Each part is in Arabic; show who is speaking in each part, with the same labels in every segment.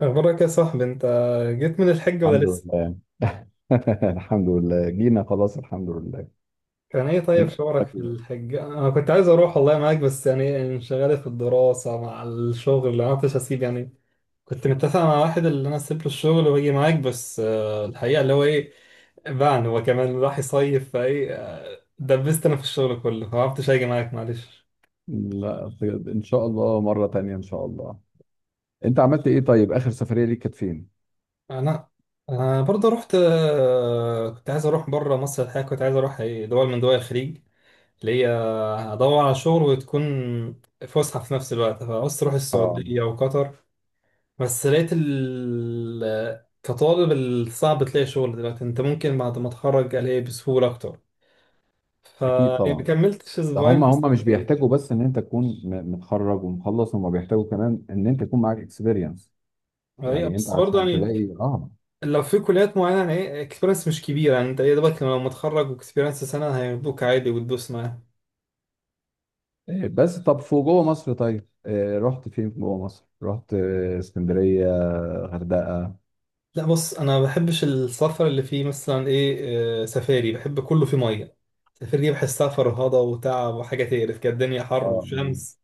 Speaker 1: أخبارك يا صاحبي أنت، جيت من الحج ولا
Speaker 2: الحمد
Speaker 1: لسه؟
Speaker 2: لله. الحمد لله جينا خلاص، الحمد لله.
Speaker 1: كان إيه طيب
Speaker 2: انت
Speaker 1: شعورك
Speaker 2: اخبارك
Speaker 1: في
Speaker 2: ايه؟
Speaker 1: الحج؟ أنا كنت عايز أروح والله معاك، بس يعني انشغلت في الدراسة مع الشغل، ما عرفتش أسيب يعني. كنت متفق مع واحد اللي أنا أسيب له الشغل وأجي معاك، بس الحقيقة اللي هو إيه، باعني هو كمان راح يصيف فإيه. دبست أنا في الشغل كله، ما عرفتش أجي معاك معلش.
Speaker 2: لا طيب، ان شاء الله مرة تانية ان شاء الله. انت عملت ايه طيب، اخر سفرية ليك كانت فين؟
Speaker 1: أنا أنا برضه رحت. كنت عايز أروح بره مصر، الحقيقة كنت عايز أروح، دول من دول الخليج. ليا هدور على شغل وتكون فسحة في نفس الوقت، فعاوز تروح
Speaker 2: اه،
Speaker 1: السعودية وقطر. بس لقيت كطالب الصعب تلاقي شغل دلوقتي، انت ممكن بعد ما تتخرج الاقي بسهولة اكتر،
Speaker 2: اكيد
Speaker 1: فما
Speaker 2: طبعا.
Speaker 1: كملتش
Speaker 2: ده
Speaker 1: اسبوعين
Speaker 2: هم
Speaker 1: في
Speaker 2: هم مش
Speaker 1: السعودية.
Speaker 2: بيحتاجوا بس ان انت تكون متخرج ومخلص، هم بيحتاجوا كمان ان انت يكون معاك اكسبيرينس.
Speaker 1: ايوه
Speaker 2: يعني انت
Speaker 1: بس برضه
Speaker 2: عشان
Speaker 1: يعني
Speaker 2: تلاقي اه،
Speaker 1: لو في كليات معينة، يعني اكسبيرينس مش كبيرة، يعني انت يا دوبك لما تتخرج واكسبيرينس سنة هياخدوك عادي وتدوس معاهم.
Speaker 2: بس طب فوق جوه مصر طيب. رحت فين جوه مصر؟ رحت اسكندرية، غردقة.
Speaker 1: لا بص، انا ما بحبش السفر اللي فيه مثلا، ايه آه، سفاري. بحب كله فيه ميه. سفاري دي بحسها فرهضه وتعب وحاجه تقرف كده، الدنيا حر
Speaker 2: اه،
Speaker 1: وشمس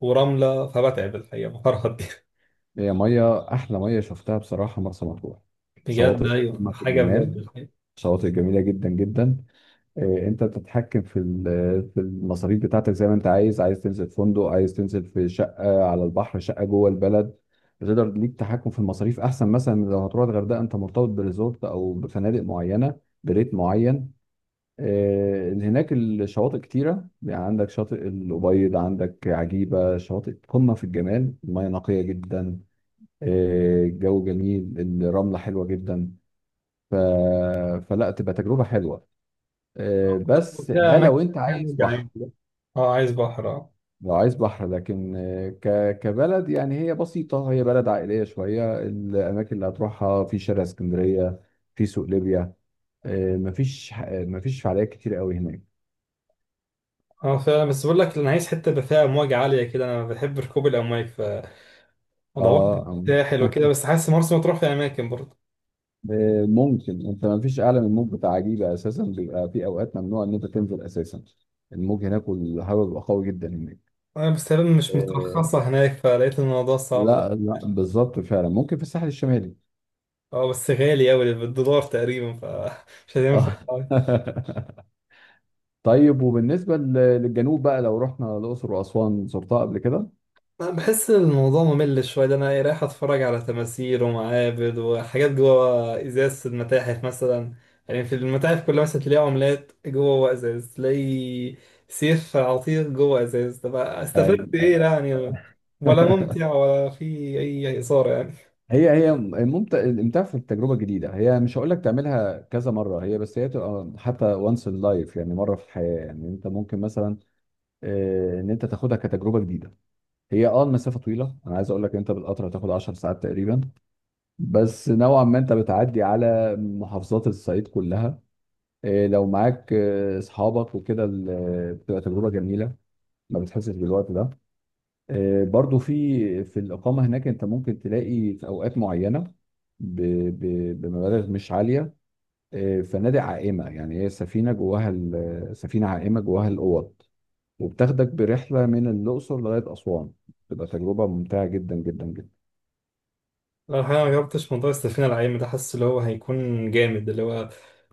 Speaker 1: ورمله، فبتعب الحقيقه، بفرهد دي.
Speaker 2: هي ميه احلى مرسى مطروح. ميه شفتها بصراحه مرسى مطروح،
Speaker 1: بجد
Speaker 2: شواطئ
Speaker 1: ايوه،
Speaker 2: قمه
Speaker 1: ده
Speaker 2: في
Speaker 1: حاجه بجد
Speaker 2: الجمال،
Speaker 1: الحقيقه.
Speaker 2: شواطئ جميله جدا جدا. انت بتتحكم في المصاريف بتاعتك زي ما انت عايز تنزل في فندق، عايز تنزل في شقه على البحر، شقه جوه البلد. بتقدر ليك تحكم في المصاريف احسن مثلا من لو هتروح الغردقه. انت مرتبط بريزورت او بفنادق معينه، بريت معين. هناك الشواطئ كتيره، يعني عندك شاطئ الأبيض، عندك عجيبه، شواطئ قمه في الجمال، الميه نقيه جدا. الجو جميل، الرملة حلوة جدا. ف... فلا تبقى تجربة حلوة. بس
Speaker 1: فيها
Speaker 2: ده
Speaker 1: اماكن،
Speaker 2: لو انت
Speaker 1: فيها
Speaker 2: عايز
Speaker 1: موج عالي
Speaker 2: بحر.
Speaker 1: ده. اه عايز بحر، اه.
Speaker 2: لو عايز بحر لكن كبلد، يعني هي بسيطة، هي بلد عائلية شوية. الأماكن اللي هتروحها في شارع اسكندرية، في سوق ليبيا. مفيش مفيش فعاليات كتير قوي هناك.
Speaker 1: اه فعلا، بس بقول لك انا عايز حته بقى فيها امواج عاليه كده، انا بحب ركوب الامواج، فدورت
Speaker 2: اه،
Speaker 1: في
Speaker 2: آه.
Speaker 1: الساحل وكده، بس حاسس مرسى مطروح في اماكن برضه.
Speaker 2: ممكن انت مفيش اعلى من الموج بتاع عجيبة اساسا، بيبقى في اوقات ممنوع ان انت تنزل اساسا. الموج هناك والهواء بيبقى قوي جدا هناك.
Speaker 1: بس تقريبا مش
Speaker 2: آه،
Speaker 1: مترخصه هناك، فلقيت الموضوع صعب.
Speaker 2: لا لا بالظبط فعلا، ممكن في الساحل الشمالي.
Speaker 1: اه، بس غالي قوي بالدولار تقريبا، فمش هينفع
Speaker 2: اه.
Speaker 1: أوي.
Speaker 2: طيب، وبالنسبة للجنوب بقى، لو رحنا الأقصر وأسوان زرتها قبل كده؟
Speaker 1: أنا بحس إن الموضوع ممل شويه ده، انا رايح اتفرج على تماثيل ومعابد وحاجات جوه ازاز المتاحف مثلا. يعني في المتاحف كلها مثلا تلاقي عملات جوه ازاز، تلاقي سيف عتيق جوه ازاز، طب
Speaker 2: أيوة.
Speaker 1: استفدت ايه
Speaker 2: أيوة.
Speaker 1: يعني؟ ولا ممتع ولا في اي اثاره يعني.
Speaker 2: هي ممتع. الامتاع في التجربة الجديدة، هي مش هقول لك تعملها كذا مرة، هي بس هي تبقى حتى وانس ان لايف، يعني مرة في الحياة. يعني انت ممكن مثلا ان انت تاخدها كتجربة جديدة. هي المسافة طويلة، انا عايز اقول لك انت بالقطر هتاخد 10 ساعات تقريبا. بس نوعا ما انت بتعدي على محافظات الصعيد كلها. لو معاك اصحابك وكده بتبقى تجربه جميله، ما بتحسش بالوقت ده. برضو في الاقامه هناك انت ممكن تلاقي في اوقات معينه ب- بمبالغ مش عاليه. فنادق عائمه، يعني هي سفينه جواها سفينه عائمه جواها الاوض، وبتاخدك برحله من الاقصر لغايه اسوان. بتبقى تجربه ممتعه جدا جدا جدا.
Speaker 1: لو الحقيقة ما جربتش موضوع السفينة العايمة ده، حاسس اللي هو هيكون جامد. اللي هو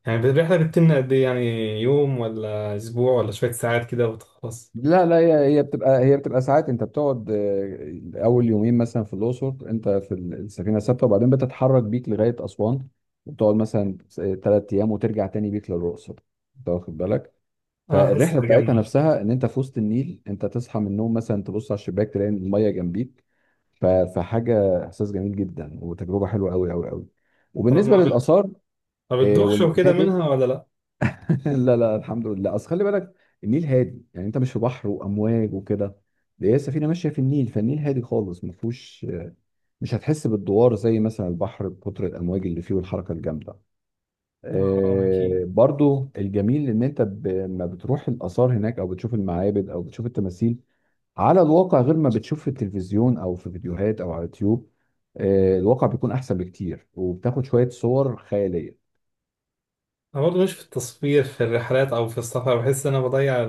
Speaker 1: يعني الرحلة بتتم قد إيه يعني؟ يوم ولا أسبوع ولا شوية ساعات كده وتخلص؟
Speaker 2: لا لا، هي بتبقى ساعات انت بتقعد. اول يومين مثلا في الاقصر انت في السفينه ثابته، وبعدين بتتحرك بيك لغايه اسوان. وبتقعد مثلا ثلاث ايام وترجع تاني بيك للاقصر، انت واخد بالك؟
Speaker 1: أه
Speaker 2: فالرحله
Speaker 1: حاسسها جامدة.
Speaker 2: بتاعتها نفسها ان انت في وسط النيل، انت تصحى من النوم مثلا تبص على الشباك تلاقي الميه جنبيك. فحاجه، احساس جميل جدا، وتجربه حلوه قوي قوي قوي.
Speaker 1: طب
Speaker 2: وبالنسبه للاثار
Speaker 1: ما بتدوخش وكده
Speaker 2: والمعابد.
Speaker 1: منها ولا لأ؟
Speaker 2: لا لا، الحمد لله. اصل خلي بالك، النيل هادي، يعني انت مش في بحر وامواج وكده. ده هي السفينه ماشيه في النيل، فالنيل هادي خالص ما فيهوش. مش هتحس بالدوار زي مثلا البحر بكتر الامواج اللي فيه والحركه الجامده.
Speaker 1: أه أكيد.
Speaker 2: برضو الجميل ان انت لما بتروح الاثار هناك او بتشوف المعابد او بتشوف التماثيل على الواقع، غير ما بتشوف في التلفزيون او في فيديوهات او على اليوتيوب. الواقع بيكون احسن بكتير، وبتاخد شويه صور خياليه.
Speaker 1: أنا برضه مش في التصوير في الرحلات أو في السفر، بحس إن أنا بضيع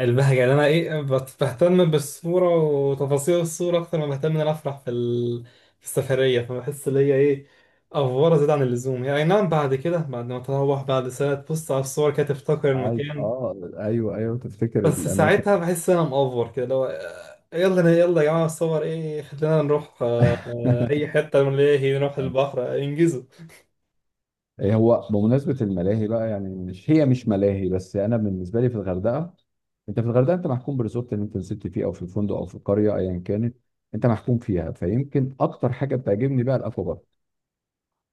Speaker 1: البهجة، اللي أنا بهتم بالصورة وتفاصيل الصورة أكتر ما بهتم إن أنا أفرح في السفرية. فبحس إن هي أفورة زيادة عن اللزوم. هي أي نعم، بعد كده بعد ما تروح بعد سنة تبص على الصور كده تفتكر
Speaker 2: عايز،
Speaker 1: المكان،
Speaker 2: اه، ايوه ايوه تفتكر
Speaker 1: بس
Speaker 2: الاماكن.
Speaker 1: ساعتها بحس إن أنا مأفور كده، اللي هو. يلا يلا يا جماعة الصور، خلينا نروح. أي حتة من، نروح البحر. انجزوا.
Speaker 2: إيه هو بمناسبة الملاهي بقى، يعني مش ملاهي بس. أنا بالنسبة لي في الغردقة، أنت في الغردقة أنت محكوم بالريزورت اللي أنت نزلت فيه أو في الفندق أو في القرية أيا كانت. أنت محكوم فيها، فيمكن أكتر حاجة بتعجبني بقى الأكوا بارك.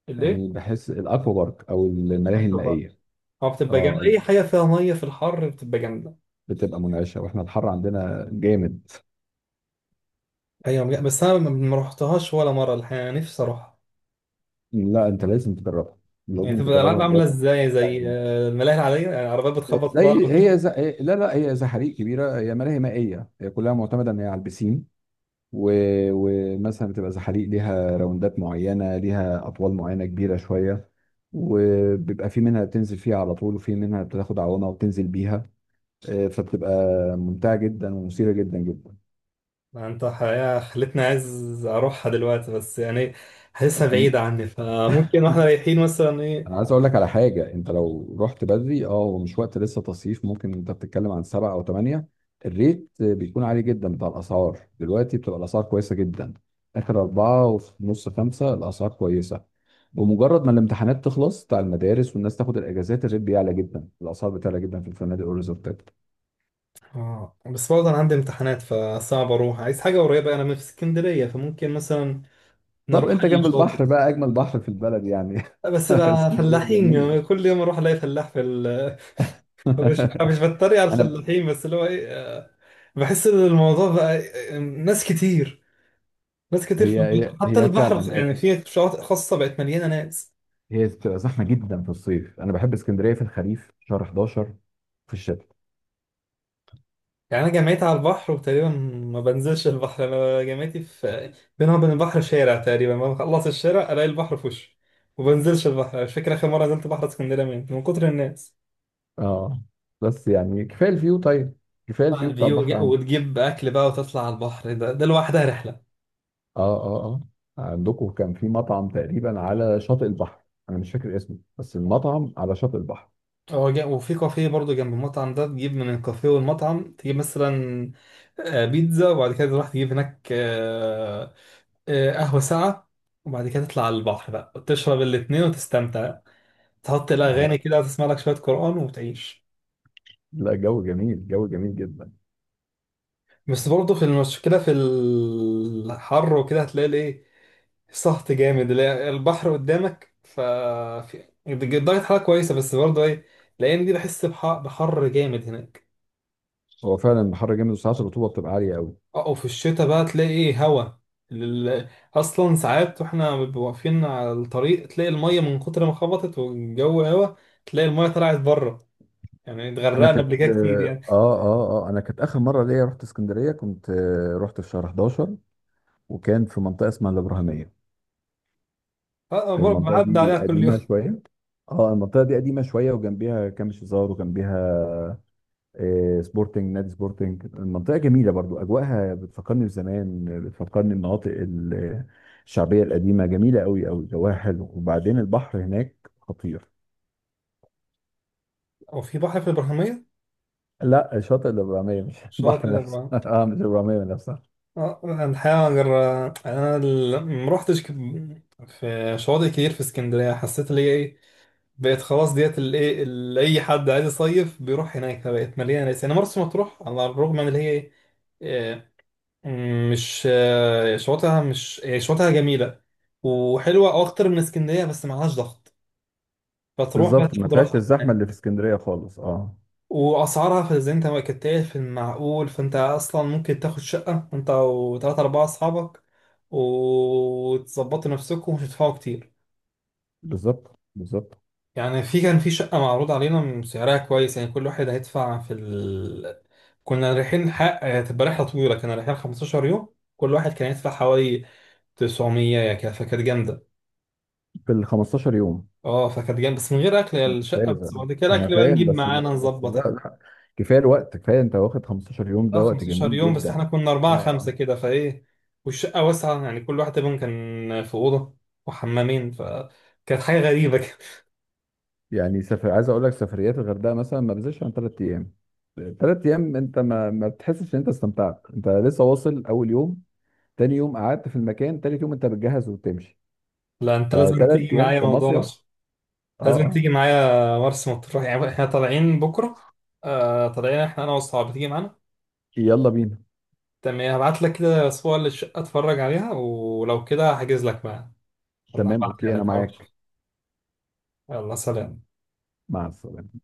Speaker 1: ليه؟
Speaker 2: يعني بحس الأكوا بارك أو الملاهي
Speaker 1: أكلوا بقى.
Speaker 2: المائية،
Speaker 1: هو بتبقى جامدة،
Speaker 2: أه،
Speaker 1: أي حاجة فيها مية في الحر بتبقى جامدة.
Speaker 2: بتبقى منعشة، وإحنا الحر عندنا جامد.
Speaker 1: أيوة، بس أنا ما رحتهاش ولا مرة الحقيقة، نفسي أروح.
Speaker 2: لا، أنت لازم تجربها،
Speaker 1: يعني
Speaker 2: لازم
Speaker 1: تبقى
Speaker 2: تجربها
Speaker 1: الألعاب عاملة
Speaker 2: بجد،
Speaker 1: ازاي؟ زي
Speaker 2: تعجبني.
Speaker 1: الملاهي العادية؟ يعني عربيات بتخبط في بعض
Speaker 2: زي هي
Speaker 1: وكده؟
Speaker 2: زي لا لا، هي زي حريق كبيرة. هي ملاهي مائية، هي كلها معتمدة إن هي على البسين. ومثلا بتبقى زحاليق ليها راوندات معينة، ليها أطوال معينة كبيرة شوية. وبيبقى في منها بتنزل فيها على طول، وفي منها بتاخد عوامة وتنزل بيها. فبتبقى ممتعة جدا ومثيرة جدا جدا.
Speaker 1: ما انت حقيقة خلتني عايز أروحها دلوقتي، بس يعني حاسسها
Speaker 2: أكيد.
Speaker 1: بعيدة عني، فممكن واحنا رايحين مثلا
Speaker 2: انا عايز اقول لك على حاجه: انت لو رحت بدري هو مش وقت لسه تصيف، ممكن انت بتتكلم عن سبعة او ثمانية، الريت بيكون عالي جدا بتاع الاسعار. دلوقتي بتبقى الاسعار كويسه جدا، اخر اربعة وفي نص خمسة الاسعار كويسه. بمجرد ما الامتحانات تخلص بتاع المدارس والناس تاخد الاجازات، الريت بيعلى جدا، الاسعار بتعلى جدا في الفنادق والريزورتات.
Speaker 1: اه بس برضه أنا عندي امتحانات، فصعب أروح، عايز حاجة قريبة، أنا من في اسكندرية، فممكن مثلا
Speaker 2: طب
Speaker 1: نروح
Speaker 2: انت
Speaker 1: أي
Speaker 2: جنب البحر
Speaker 1: شاطئ.
Speaker 2: بقى، اجمل بحر في البلد يعني.
Speaker 1: بس بقى
Speaker 2: اسكندريه
Speaker 1: فلاحين،
Speaker 2: جميل.
Speaker 1: يعني كل يوم أروح ألاقي فلاح في ال. مش بتريق على
Speaker 2: انا ب-
Speaker 1: الفلاحين، بس اللي هو ايه آه، بحس إن الموضوع بقى. ناس كتير، ناس كتير في
Speaker 2: هي
Speaker 1: البحر،
Speaker 2: هي
Speaker 1: حتى
Speaker 2: هي فعلا،
Speaker 1: البحر يعني في شواطئ خاصة بقت مليانة ناس.
Speaker 2: هي بتبقى زحمه جدا في الصيف. انا بحب اسكندريه في الخريف، شهر 11، في الشتاء.
Speaker 1: يعني أنا جامعتي على البحر وتقريبا ما بنزلش البحر، أنا جامعتي في بينها وبين البحر شارع تقريبا، لما بخلص الشارع ألاقي البحر في وشي. ما بنزلش البحر، أنا مش فاكر آخر مرة نزلت بحر اسكندرية من كتر الناس.
Speaker 2: اه، بس يعني كفايه الفيو طيب، كفايه الفيو بتاع
Speaker 1: الفيو
Speaker 2: البحر عندك.
Speaker 1: وتجيب أكل بقى وتطلع على البحر، ده لوحدها رحلة.
Speaker 2: اه اه اه عندكم كان في مطعم تقريبا على شاطئ البحر، انا مش فاكر اسمه بس المطعم على شاطئ البحر.
Speaker 1: وفي كافيه برضو جنب المطعم ده، تجيب من الكافيه والمطعم، تجيب مثلا بيتزا، وبعد كده تروح تجيب هناك، قهوة ساعة، وبعد كده تطلع على البحر بقى وتشرب الاتنين وتستمتع. تحط الأغاني
Speaker 2: لا
Speaker 1: كده، تسمع لك شوية قرآن وتعيش.
Speaker 2: لا، جو جميل، جو جميل جدا.
Speaker 1: بس برضه في المشكلة في الحر وكده، هتلاقي سهط جامد اللي هي البحر قدامك، ف درجة حرارة كويسة، بس برضه الأيام دي بحس بحر جامد هناك.
Speaker 2: هو فعلا البحر جامد، وساعات الرطوبه بتبقى عاليه قوي.
Speaker 1: اه، وفي الشتاء بقى تلاقي هوا. لل- أصلا ساعات واحنا بنبقى واقفين على الطريق، تلاقي المية من كتر ما خبطت، والجو هوا، تلاقي المية طلعت بره. يعني
Speaker 2: انا
Speaker 1: اتغرقنا
Speaker 2: كانت
Speaker 1: قبل كده كتير
Speaker 2: اه
Speaker 1: يعني.
Speaker 2: اه اه انا كانت اخر مره ليا رحت اسكندريه، كنت رحت في شهر 11. وكان في منطقه اسمها الابراهيميه،
Speaker 1: اه برضه
Speaker 2: المنطقة
Speaker 1: بعدي
Speaker 2: دي
Speaker 1: عليها كل
Speaker 2: قديمة
Speaker 1: يوم.
Speaker 2: شوية. اه، المنطقة دي قديمة شوية، وجنبيها كام شيزار، وجنبيها آه، سبورتنج نادي سبورتنج. المنطقة جميلة برضو، أجواءها بتفكرني بزمان، بتفكرني بمناطق الشعبية القديمة. جميلة أوي أوي، جواها حلو، وبعدين البحر هناك خطير.
Speaker 1: هو في بحر في الابراهيميه؟
Speaker 2: لا، شاطئ الإبرامية مش
Speaker 1: شاطئ
Speaker 2: البحر نفسه،
Speaker 1: الابراهيميه.
Speaker 2: اه، مش الإبرامية نفسها.
Speaker 1: اه انا الحقيقه ما رحتش في شواطئ كتير في اسكندريه، حسيت اللي هي ايه، بقت خلاص ديت، اللي ايه اللي اي حد عايز يصيف بيروح هناك، فبقت مليانه ناس. يعني مرسى مطروح، على الرغم من اللي هي ايه، آه، مش شواطئها، مش شواطئها جميله وحلوه اكتر من اسكندريه، بس معلهاش ضغط، فتروح بقى
Speaker 2: بالظبط، ما
Speaker 1: تاخد
Speaker 2: فيهاش
Speaker 1: راحتك.
Speaker 2: الزحمة اللي في اسكندرية خالص. اه،
Speaker 1: واسعارها في زي انت ما كنت قايل في المعقول، فانت اصلا ممكن تاخد شقه انت وثلاثة اربعة اصحابك، وتظبطوا نفسكم ومش هتدفعوا كتير.
Speaker 2: بالظبط بالظبط.
Speaker 1: يعني في كان في شقه معروض علينا سعرها كويس، يعني كل واحد هيدفع في كنا رايحين حق هتبقى رحله طويله، كنا رايحين 15 يوم، كل واحد كان يدفع حوالي 900 يعني كده، فكانت جامده.
Speaker 2: في ال 15 يوم؟
Speaker 1: اه فكانت جامده، بس من غير اكل، يا الشقه بس،
Speaker 2: لازم.
Speaker 1: بعد كده
Speaker 2: انا
Speaker 1: الاكل بقى
Speaker 2: فاهم
Speaker 1: نجيب
Speaker 2: بس.
Speaker 1: معانا
Speaker 2: بس لا
Speaker 1: نظبط.
Speaker 2: لا، كفايه الوقت. كفايه انت واخد 15 يوم،
Speaker 1: اه
Speaker 2: ده وقت
Speaker 1: 15
Speaker 2: جميل
Speaker 1: يوم، بس
Speaker 2: جدا.
Speaker 1: احنا كنا
Speaker 2: اه،
Speaker 1: أربعة
Speaker 2: آه.
Speaker 1: خمسة كده فإيه، والشقة واسعة يعني، كل واحد منهم كان في أوضة وحمامين، فكانت حاجة غريبة كده.
Speaker 2: يعني سفر، عايز اقول لك سفريات الغردقه مثلا ما بزيدش عن ثلاث ايام. ثلاث ايام انت ما بتحسش ان انت استمتعت، انت لسه واصل اول يوم، تاني يوم قعدت في المكان، تالت يوم انت بتجهز وبتمشي.
Speaker 1: لا أنت لازم
Speaker 2: فثلاث
Speaker 1: تيجي
Speaker 2: ايام
Speaker 1: معايا، موضوع
Speaker 2: كمصيف.
Speaker 1: مرسى.
Speaker 2: اه،
Speaker 1: لازم
Speaker 2: اه.
Speaker 1: تيجي معايا مرسى مطروح، يعني احنا طالعين بكرة. طالعين احنا أنا وأصحابي، تيجي معانا.
Speaker 2: يلا بينا.
Speaker 1: تمام، يعني هبعت لك كده صور للشقة اتفرج عليها، ولو كده هحجز لك بقى. والله
Speaker 2: تمام،
Speaker 1: هبعتها
Speaker 2: اوكي، انا
Speaker 1: لك، هروح.
Speaker 2: معاك.
Speaker 1: يلا سلام.
Speaker 2: مع السلامه.